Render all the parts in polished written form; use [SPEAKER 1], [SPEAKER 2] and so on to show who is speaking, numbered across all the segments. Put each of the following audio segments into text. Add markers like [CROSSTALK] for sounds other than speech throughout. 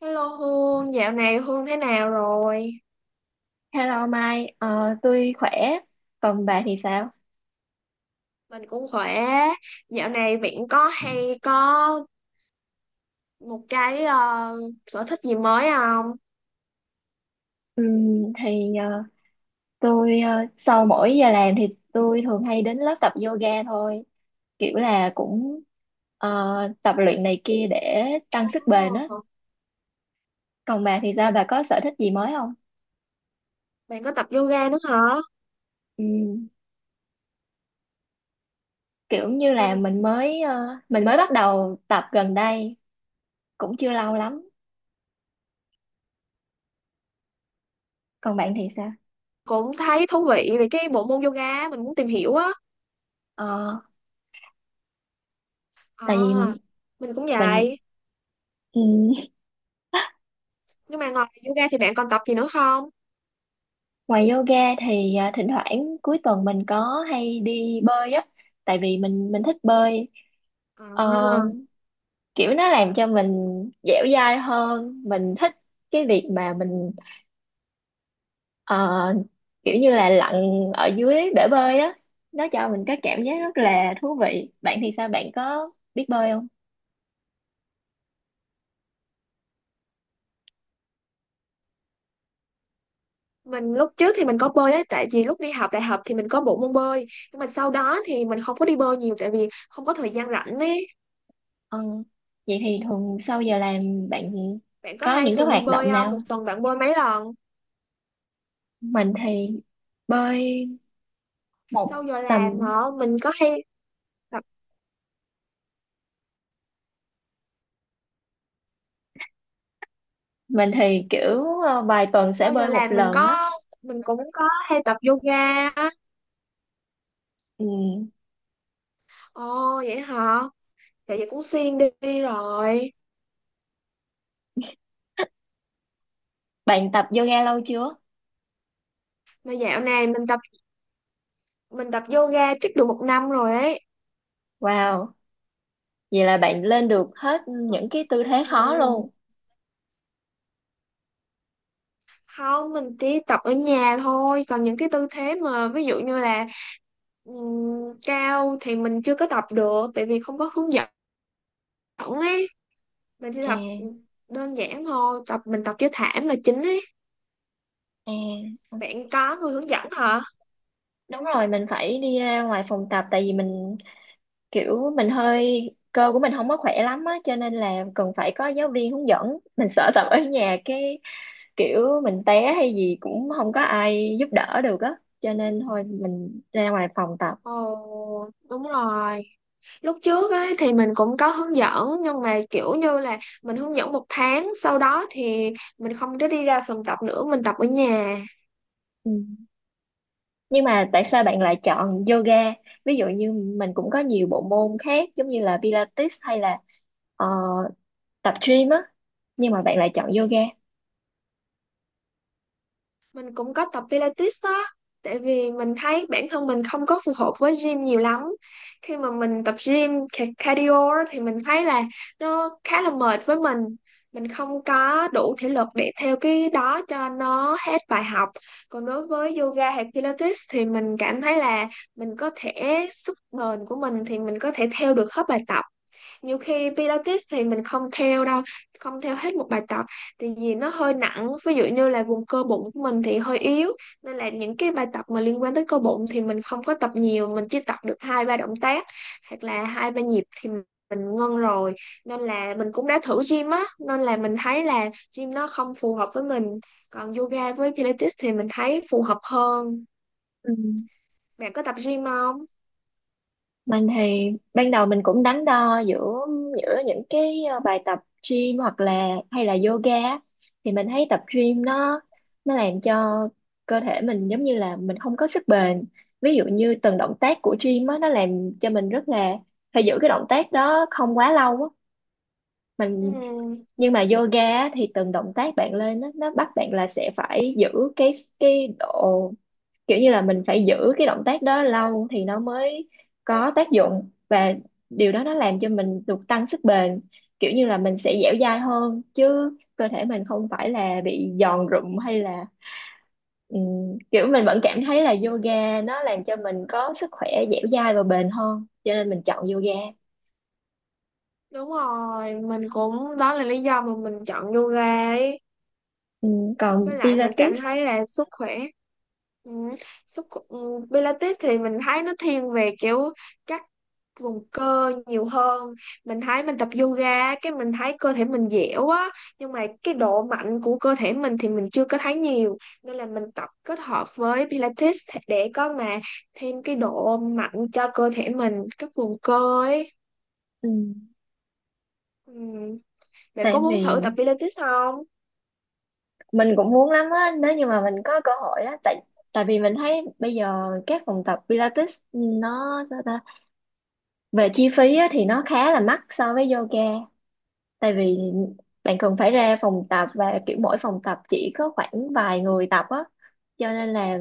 [SPEAKER 1] Hello Hương, dạo này Hương thế nào rồi?
[SPEAKER 2] Hello Mai, tôi khỏe, còn bà thì sao?
[SPEAKER 1] Mình cũng khỏe. Dạo này bạn có hay có một cái sở thích gì mới không?
[SPEAKER 2] Ừm, thì ờ, sau mỗi giờ làm thì tôi thường hay đến lớp tập yoga thôi, kiểu là cũng ờ, tập luyện này kia để tăng sức bền á.
[SPEAKER 1] Ồ,
[SPEAKER 2] Còn bà thì sao? Bà có sở thích gì mới không?
[SPEAKER 1] bạn có tập yoga nữa hả?
[SPEAKER 2] Ừm, kiểu như là
[SPEAKER 1] Mình
[SPEAKER 2] mình mới ờ, mình mới bắt đầu tập gần đây, cũng chưa lâu lắm. Còn bạn thì sao?
[SPEAKER 1] cũng thấy thú vị về cái bộ môn yoga, mình muốn tìm hiểu á.
[SPEAKER 2] Ờ,
[SPEAKER 1] À,
[SPEAKER 2] tại vì
[SPEAKER 1] mình cũng
[SPEAKER 2] mình
[SPEAKER 1] vậy. Nhưng mà ngoài yoga thì bạn còn tập gì nữa không?
[SPEAKER 2] Ngoài yoga thì thỉnh thoảng cuối tuần mình có hay đi bơi á, tại vì mình thích bơi. Ờ,
[SPEAKER 1] À,
[SPEAKER 2] kiểu nó làm cho mình dẻo dai hơn, mình thích cái việc mà ờ, kiểu như là lặn ở dưới bể bơi á, nó cho mình cái cảm giác rất là thú vị. Bạn thì sao? Bạn có biết bơi không?
[SPEAKER 1] mình lúc trước thì mình có bơi ấy, tại vì lúc đi học đại học thì mình có bộ môn bơi. Nhưng mà sau đó thì mình không có đi bơi nhiều tại vì không có thời gian rảnh ấy.
[SPEAKER 2] Ờ, vậy thì thường sau giờ làm bạn
[SPEAKER 1] Bạn có
[SPEAKER 2] có
[SPEAKER 1] hay
[SPEAKER 2] những cái
[SPEAKER 1] thường đi
[SPEAKER 2] hoạt
[SPEAKER 1] bơi
[SPEAKER 2] động
[SPEAKER 1] không? Một
[SPEAKER 2] nào?
[SPEAKER 1] tuần bạn bơi mấy lần?
[SPEAKER 2] Mình thì bơi một
[SPEAKER 1] Sau giờ làm
[SPEAKER 2] tầm
[SPEAKER 1] hả? Mình có hay tập
[SPEAKER 2] mình thì vài tuần sẽ
[SPEAKER 1] sau giờ
[SPEAKER 2] bơi một
[SPEAKER 1] làm mình
[SPEAKER 2] lần á.
[SPEAKER 1] có mình cũng có hay tập yoga á.
[SPEAKER 2] Ừ,
[SPEAKER 1] Ồ vậy hả? Tại vậy cũng xuyên đi, đi rồi.
[SPEAKER 2] bạn tập yoga lâu chưa?
[SPEAKER 1] Mà dạo này mình tập yoga chắc được một năm rồi ấy.
[SPEAKER 2] Wow, vậy là bạn lên được hết những cái tư thế
[SPEAKER 1] Ừ.
[SPEAKER 2] khó luôn.
[SPEAKER 1] Không, mình chỉ tập ở nhà thôi. Còn những cái tư thế mà ví dụ như là cao thì mình chưa có tập được tại vì không có hướng dẫn ấy. Mình chỉ
[SPEAKER 2] à,
[SPEAKER 1] tập đơn giản thôi, mình tập với thảm là chính ấy.
[SPEAKER 2] à, ờ.
[SPEAKER 1] Bạn có người hướng dẫn hả?
[SPEAKER 2] Đúng rồi, mình phải đi ra ngoài phòng tập tại vì mình kiểu mình hơi cơ của mình không có khỏe lắm á, cho nên là cần phải có giáo viên hướng dẫn, mình sợ tập ở nhà cái kiểu mình té hay gì cũng không có ai giúp đỡ được á, cho nên thôi mình ra ngoài phòng tập.
[SPEAKER 1] Ồ, đúng rồi. Lúc trước ấy thì mình cũng có hướng dẫn, nhưng mà kiểu như là mình hướng dẫn một tháng, sau đó thì mình không có đi ra phòng tập nữa, mình tập ở nhà.
[SPEAKER 2] Ừ. Nhưng mà tại sao bạn lại chọn yoga? Ví dụ như mình cũng có nhiều bộ môn khác giống như là Pilates hay là ờ, tập gym á, nhưng mà bạn lại chọn yoga.
[SPEAKER 1] Mình cũng có tập Pilates á, tại vì mình thấy bản thân mình không có phù hợp với gym nhiều lắm. Khi mà mình tập gym cardio á, thì mình thấy là nó khá là mệt với mình không có đủ thể lực để theo cái đó cho nó hết bài học. Còn đối với yoga hay Pilates thì mình cảm thấy là mình có thể, sức bền của mình thì mình có thể theo được hết bài tập. Nhiều khi Pilates thì mình không theo đâu, không theo hết một bài tập, tại vì nó hơi nặng. Ví dụ như là vùng cơ bụng của mình thì hơi yếu, nên là những cái bài tập mà liên quan tới cơ bụng thì mình không có tập nhiều, mình chỉ tập được hai ba động tác hoặc là hai ba nhịp thì mình ngưng rồi. Nên là mình cũng đã thử gym á, nên là mình thấy là gym nó không phù hợp với mình, còn yoga với Pilates thì mình thấy phù hợp hơn.
[SPEAKER 2] Ừ.
[SPEAKER 1] Bạn có tập gym không?
[SPEAKER 2] Mình thì ban đầu mình cũng đắn đo giữa giữa những cái bài tập gym hoặc là hay là yoga á. Thì mình thấy tập gym nó làm cho cơ thể mình giống như là mình không có sức bền. Ví dụ như từng động tác của gym á, nó làm cho mình rất là phải giữ cái động tác đó không quá lâu á. Mình
[SPEAKER 1] Ừm.
[SPEAKER 2] nhưng mà yoga á, thì từng động tác bạn lên á, nó bắt bạn là sẽ phải giữ cái cái độ kiểu như là mình phải giữ cái động tác đó lâu thì nó mới có tác dụng, và điều đó nó làm cho mình được tăng sức bền, kiểu như là mình sẽ dẻo dai hơn chứ cơ thể mình không phải là bị giòn rụm hay là kiểu mình vẫn cảm thấy là yoga nó làm cho mình có sức khỏe dẻo dai và bền hơn cho nên mình chọn yoga.
[SPEAKER 1] Đúng rồi, mình cũng, đó là lý do mà mình chọn yoga ấy.
[SPEAKER 2] Còn
[SPEAKER 1] Với lại mình cảm
[SPEAKER 2] Pilates
[SPEAKER 1] thấy là ừ, Pilates thì mình thấy nó thiên về kiểu các vùng cơ nhiều hơn. Mình thấy mình tập yoga cái mình thấy cơ thể mình dẻo á, nhưng mà cái độ mạnh của cơ thể mình thì mình chưa có thấy nhiều, nên là mình tập kết hợp với Pilates để có mà thêm cái độ mạnh cho cơ thể mình, các vùng cơ ấy.
[SPEAKER 2] ừm,
[SPEAKER 1] Ừ. Bạn
[SPEAKER 2] tại
[SPEAKER 1] có muốn
[SPEAKER 2] vì
[SPEAKER 1] thử tập Pilates không?
[SPEAKER 2] mình cũng muốn lắm á nếu như mà mình có cơ hội á, tại tại vì mình thấy bây giờ các phòng tập Pilates nó sao ta, về chi phí á, thì nó khá là mắc so với yoga, tại vì bạn cần phải ra phòng tập và kiểu mỗi phòng tập chỉ có khoảng vài người tập á, cho nên là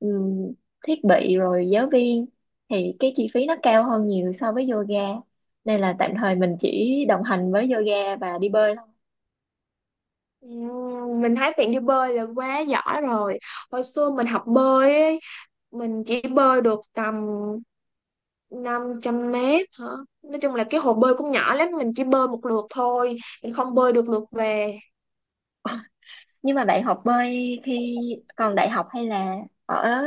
[SPEAKER 2] ừm, thiết bị rồi giáo viên thì cái chi phí nó cao hơn nhiều so với yoga, nên là tạm thời mình chỉ đồng hành với yoga và đi bơi.
[SPEAKER 1] Mình thấy bạn đi bơi là quá giỏi rồi. Hồi xưa mình học bơi ấy, mình chỉ bơi được tầm 500 mét hả? Nói chung là cái hồ bơi cũng nhỏ lắm, mình chỉ bơi một lượt thôi, mình không bơi được lượt về.
[SPEAKER 2] Nhưng mà bạn học bơi khi còn đại học hay là ở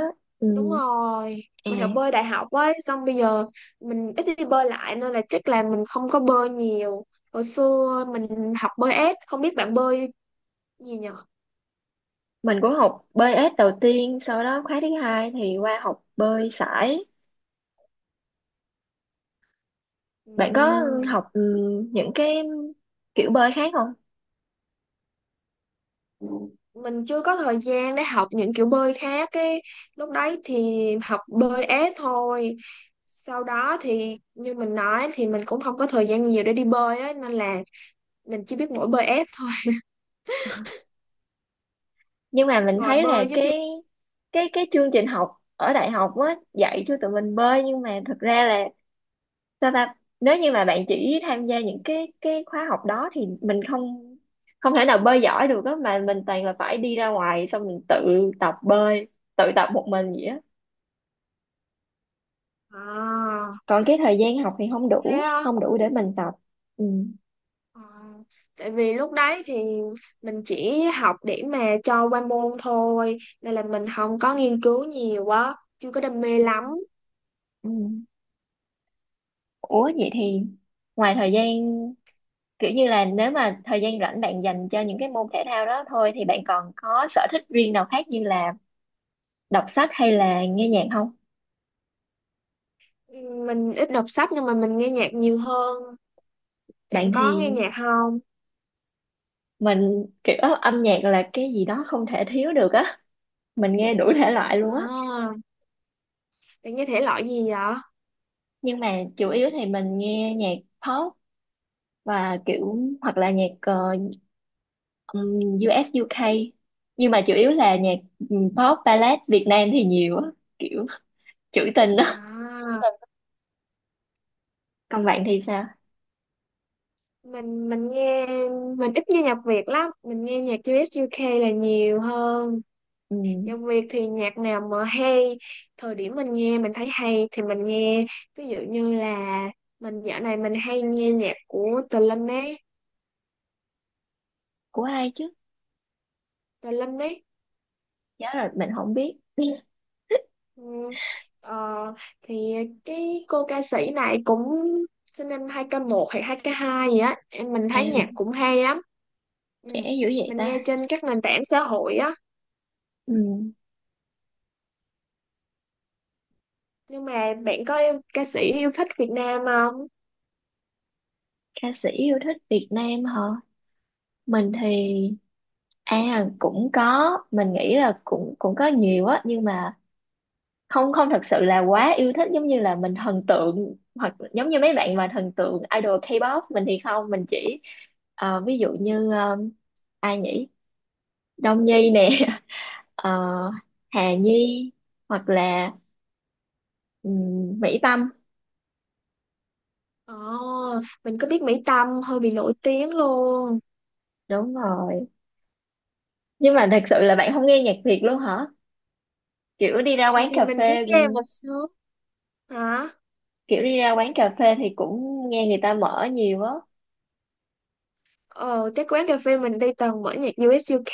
[SPEAKER 1] Đúng
[SPEAKER 2] ừm,
[SPEAKER 1] rồi,
[SPEAKER 2] à,
[SPEAKER 1] mình học bơi đại học ấy, xong bây giờ mình ít đi bơi lại nên là chắc là mình không có bơi nhiều. Hồi xưa mình học bơi ép, không biết bạn bơi gì nhở?
[SPEAKER 2] mình cũng học bơi ếch đầu tiên, sau đó khóa thứ hai thì qua học bơi sải. Bạn có
[SPEAKER 1] Ừm.
[SPEAKER 2] học những cái kiểu bơi khác không?
[SPEAKER 1] Mình chưa có thời gian để học những kiểu bơi khác ấy, lúc đấy thì học bơi ép thôi, sau đó thì như mình nói thì mình cũng không có thời gian nhiều để đi bơi ấy, nên là mình chỉ biết mỗi bơi ép thôi. [LAUGHS]
[SPEAKER 2] Nhưng mà mình
[SPEAKER 1] Ngồi
[SPEAKER 2] thấy là
[SPEAKER 1] bơi giúp gì?
[SPEAKER 2] cái chương trình học ở đại học á dạy cho tụi mình bơi, nhưng mà thực ra là sao ta, nếu như mà bạn chỉ tham gia những cái khóa học đó thì mình không không thể nào bơi giỏi được á, mà mình toàn là phải đi ra ngoài, xong mình tự tập bơi, tự tập một mình vậy á.
[SPEAKER 1] À,
[SPEAKER 2] Còn cái thời gian học thì không
[SPEAKER 1] thế
[SPEAKER 2] đủ,
[SPEAKER 1] á?
[SPEAKER 2] để mình tập. Ừ.
[SPEAKER 1] À, tại vì lúc đấy thì mình chỉ học để mà cho qua môn thôi, nên là mình không có nghiên cứu nhiều quá, chưa có đam mê lắm.
[SPEAKER 2] Ừ. Ủa vậy thì ngoài thời gian kiểu như là nếu mà thời gian rảnh bạn dành cho những cái môn thể thao đó thôi, thì bạn còn có sở thích riêng nào khác như là đọc sách hay là nghe nhạc không?
[SPEAKER 1] Mình ít đọc sách, nhưng mà mình nghe nhạc nhiều hơn.
[SPEAKER 2] Bạn
[SPEAKER 1] Bạn có
[SPEAKER 2] thì
[SPEAKER 1] nghe nhạc không?
[SPEAKER 2] mình kiểu âm nhạc là cái gì đó không thể thiếu được á, mình nghe đủ thể loại luôn á,
[SPEAKER 1] À, bạn nghe thể loại gì vậy?
[SPEAKER 2] nhưng mà chủ yếu thì mình nghe nhạc pop và kiểu hoặc là nhạc ừm, US UK, nhưng mà chủ yếu là nhạc pop ballad Việt Nam thì nhiều á, kiểu trữ tình á.
[SPEAKER 1] À,
[SPEAKER 2] Còn bạn thì sao?
[SPEAKER 1] mình nghe, mình ít nghe nhạc Việt lắm, mình nghe nhạc US UK là nhiều hơn. Nhạc
[SPEAKER 2] Ừm,
[SPEAKER 1] Việt thì nhạc nào mà hay, thời điểm mình nghe mình thấy hay thì mình nghe. Ví dụ như là dạo này mình hay nghe nhạc của Tờ Linh ấy,
[SPEAKER 2] của ai chứ?
[SPEAKER 1] Tờ Linh ấy.
[SPEAKER 2] Giá rồi mình không biết. [LAUGHS]
[SPEAKER 1] Ừ. Ờ, thì cái cô ca sĩ này cũng sinh năm 2001 hay 2002 gì á, em mình
[SPEAKER 2] à,
[SPEAKER 1] thấy nhạc cũng hay lắm. Ừ.
[SPEAKER 2] Trẻ dữ vậy
[SPEAKER 1] Mình nghe
[SPEAKER 2] ta.
[SPEAKER 1] trên các nền tảng xã hội á,
[SPEAKER 2] Ừm,
[SPEAKER 1] nhưng mà bạn có yêu, ca sĩ yêu thích Việt Nam không?
[SPEAKER 2] ca sĩ yêu thích Việt Nam hả? Mình thì à, cũng có, mình nghĩ là cũng cũng có nhiều á, nhưng mà không không thật sự là quá yêu thích giống như là mình thần tượng, hoặc giống như mấy bạn mà thần tượng idol K-pop. Mình thì không, mình chỉ ví dụ như ai nhỉ? Đông Nhi nè, [LAUGHS] ờ, Hà Nhi, hoặc là Mỹ Tâm,
[SPEAKER 1] Ồ, mình có biết Mỹ Tâm hơi bị nổi tiếng luôn.
[SPEAKER 2] đúng rồi. Nhưng mà thật sự là bạn không nghe nhạc Việt luôn hả? Kiểu đi ra
[SPEAKER 1] Ừ,
[SPEAKER 2] quán
[SPEAKER 1] thì
[SPEAKER 2] cà
[SPEAKER 1] mình chỉ
[SPEAKER 2] phê
[SPEAKER 1] nghe một số hả?
[SPEAKER 2] kiểu đi ra quán cà phê thì cũng nghe người ta mở nhiều á.
[SPEAKER 1] Ờ, cái quán cà phê mình đi toàn mở nhạc US UK.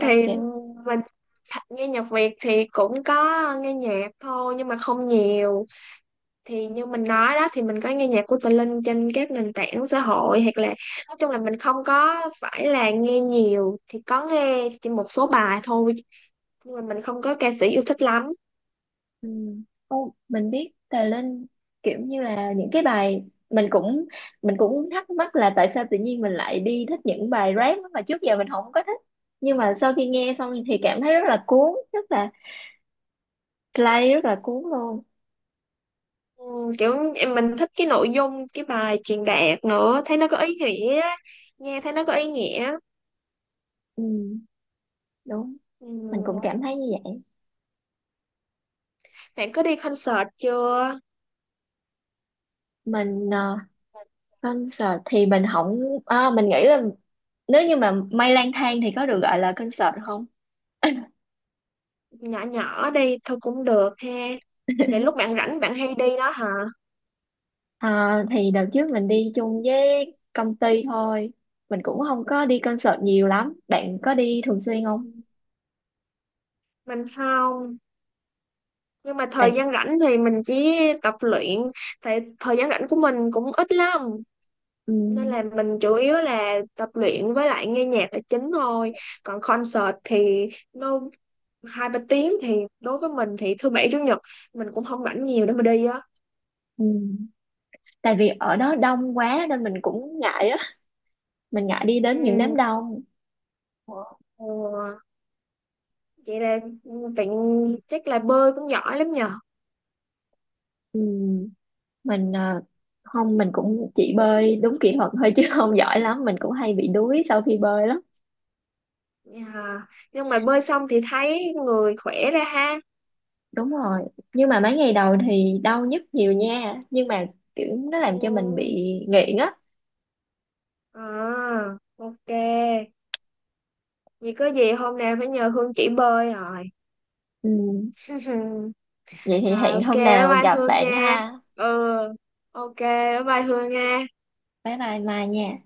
[SPEAKER 1] Thì mình nghe nhạc Việt thì cũng có nghe nhạc thôi nhưng mà không nhiều. Thì như mình nói đó thì mình có nghe nhạc của Tự Linh trên các nền tảng xã hội, hoặc là nói chung là mình không có phải là nghe nhiều, thì có nghe chỉ một số bài thôi, nhưng mà mình không có ca sĩ yêu thích lắm.
[SPEAKER 2] Ừ. Ô, mình biết Tài Linh, kiểu như là những cái bài mình cũng thắc mắc là tại sao tự nhiên mình lại đi thích những bài rap mà trước giờ mình không có thích, nhưng mà sau khi nghe xong thì cảm thấy rất là cuốn, rất là play, rất là cuốn luôn.
[SPEAKER 1] Ừ, mình thích cái nội dung cái bài truyền đạt nữa, thấy nó có ý nghĩa, nghe thấy nó có ý nghĩa.
[SPEAKER 2] ừ, Đúng, mình cũng
[SPEAKER 1] Ừ.
[SPEAKER 2] cảm thấy như vậy.
[SPEAKER 1] Bạn có đi concert chưa?
[SPEAKER 2] mình ờ, Concert thì mình không, mình nghĩ là nếu như mà Mây lang thang thì có được gọi là concert không?
[SPEAKER 1] Nhỏ nhỏ đi thôi cũng được ha, để lúc bạn rảnh bạn hay đi đó hả?
[SPEAKER 2] À, thì đợt trước mình đi chung với công ty thôi, mình cũng không có đi concert nhiều lắm. Bạn có đi thường xuyên không?
[SPEAKER 1] Ừ, mình không, nhưng mà thời
[SPEAKER 2] bạn
[SPEAKER 1] gian rảnh thì mình chỉ tập luyện, tại thời gian rảnh của mình cũng ít lắm, nên
[SPEAKER 2] ừm,
[SPEAKER 1] là mình chủ yếu là tập luyện với lại nghe nhạc là chính thôi. Còn concert thì nó hai ba tiếng thì đối với mình thì thứ bảy chủ nhật mình cũng không rảnh nhiều để mà đi á.
[SPEAKER 2] ừm. Tại vì ở đó đông quá nên mình cũng ngại á, mình ngại đi đến những đám
[SPEAKER 1] Ừm,
[SPEAKER 2] đông.
[SPEAKER 1] ờ, vậy là tiện, chắc là bơi cũng giỏi lắm nhờ.
[SPEAKER 2] Ừm, mình à, không, mình cũng chỉ bơi đúng kỹ thuật thôi chứ [LAUGHS] không giỏi lắm, mình cũng hay bị đuối sau khi bơi lắm.
[SPEAKER 1] Dạ. Nhưng mà bơi xong thì thấy người khỏe ra ha?
[SPEAKER 2] Đúng rồi, nhưng mà mấy ngày đầu thì đau nhức nhiều nha, nhưng mà kiểu nó làm cho mình bị
[SPEAKER 1] Ừm,
[SPEAKER 2] nghiện á.
[SPEAKER 1] à ok. Vì có gì hôm nào phải nhờ Hương chỉ bơi rồi.
[SPEAKER 2] Ừ.
[SPEAKER 1] [LAUGHS]
[SPEAKER 2] Vậy thì
[SPEAKER 1] Rồi,
[SPEAKER 2] hẹn
[SPEAKER 1] ok,
[SPEAKER 2] hôm
[SPEAKER 1] bye
[SPEAKER 2] nào
[SPEAKER 1] bye
[SPEAKER 2] gặp
[SPEAKER 1] Hương
[SPEAKER 2] bạn
[SPEAKER 1] nha.
[SPEAKER 2] ha.
[SPEAKER 1] Ừ, ok bye bye Hương nha.
[SPEAKER 2] Bye bye Mai nha.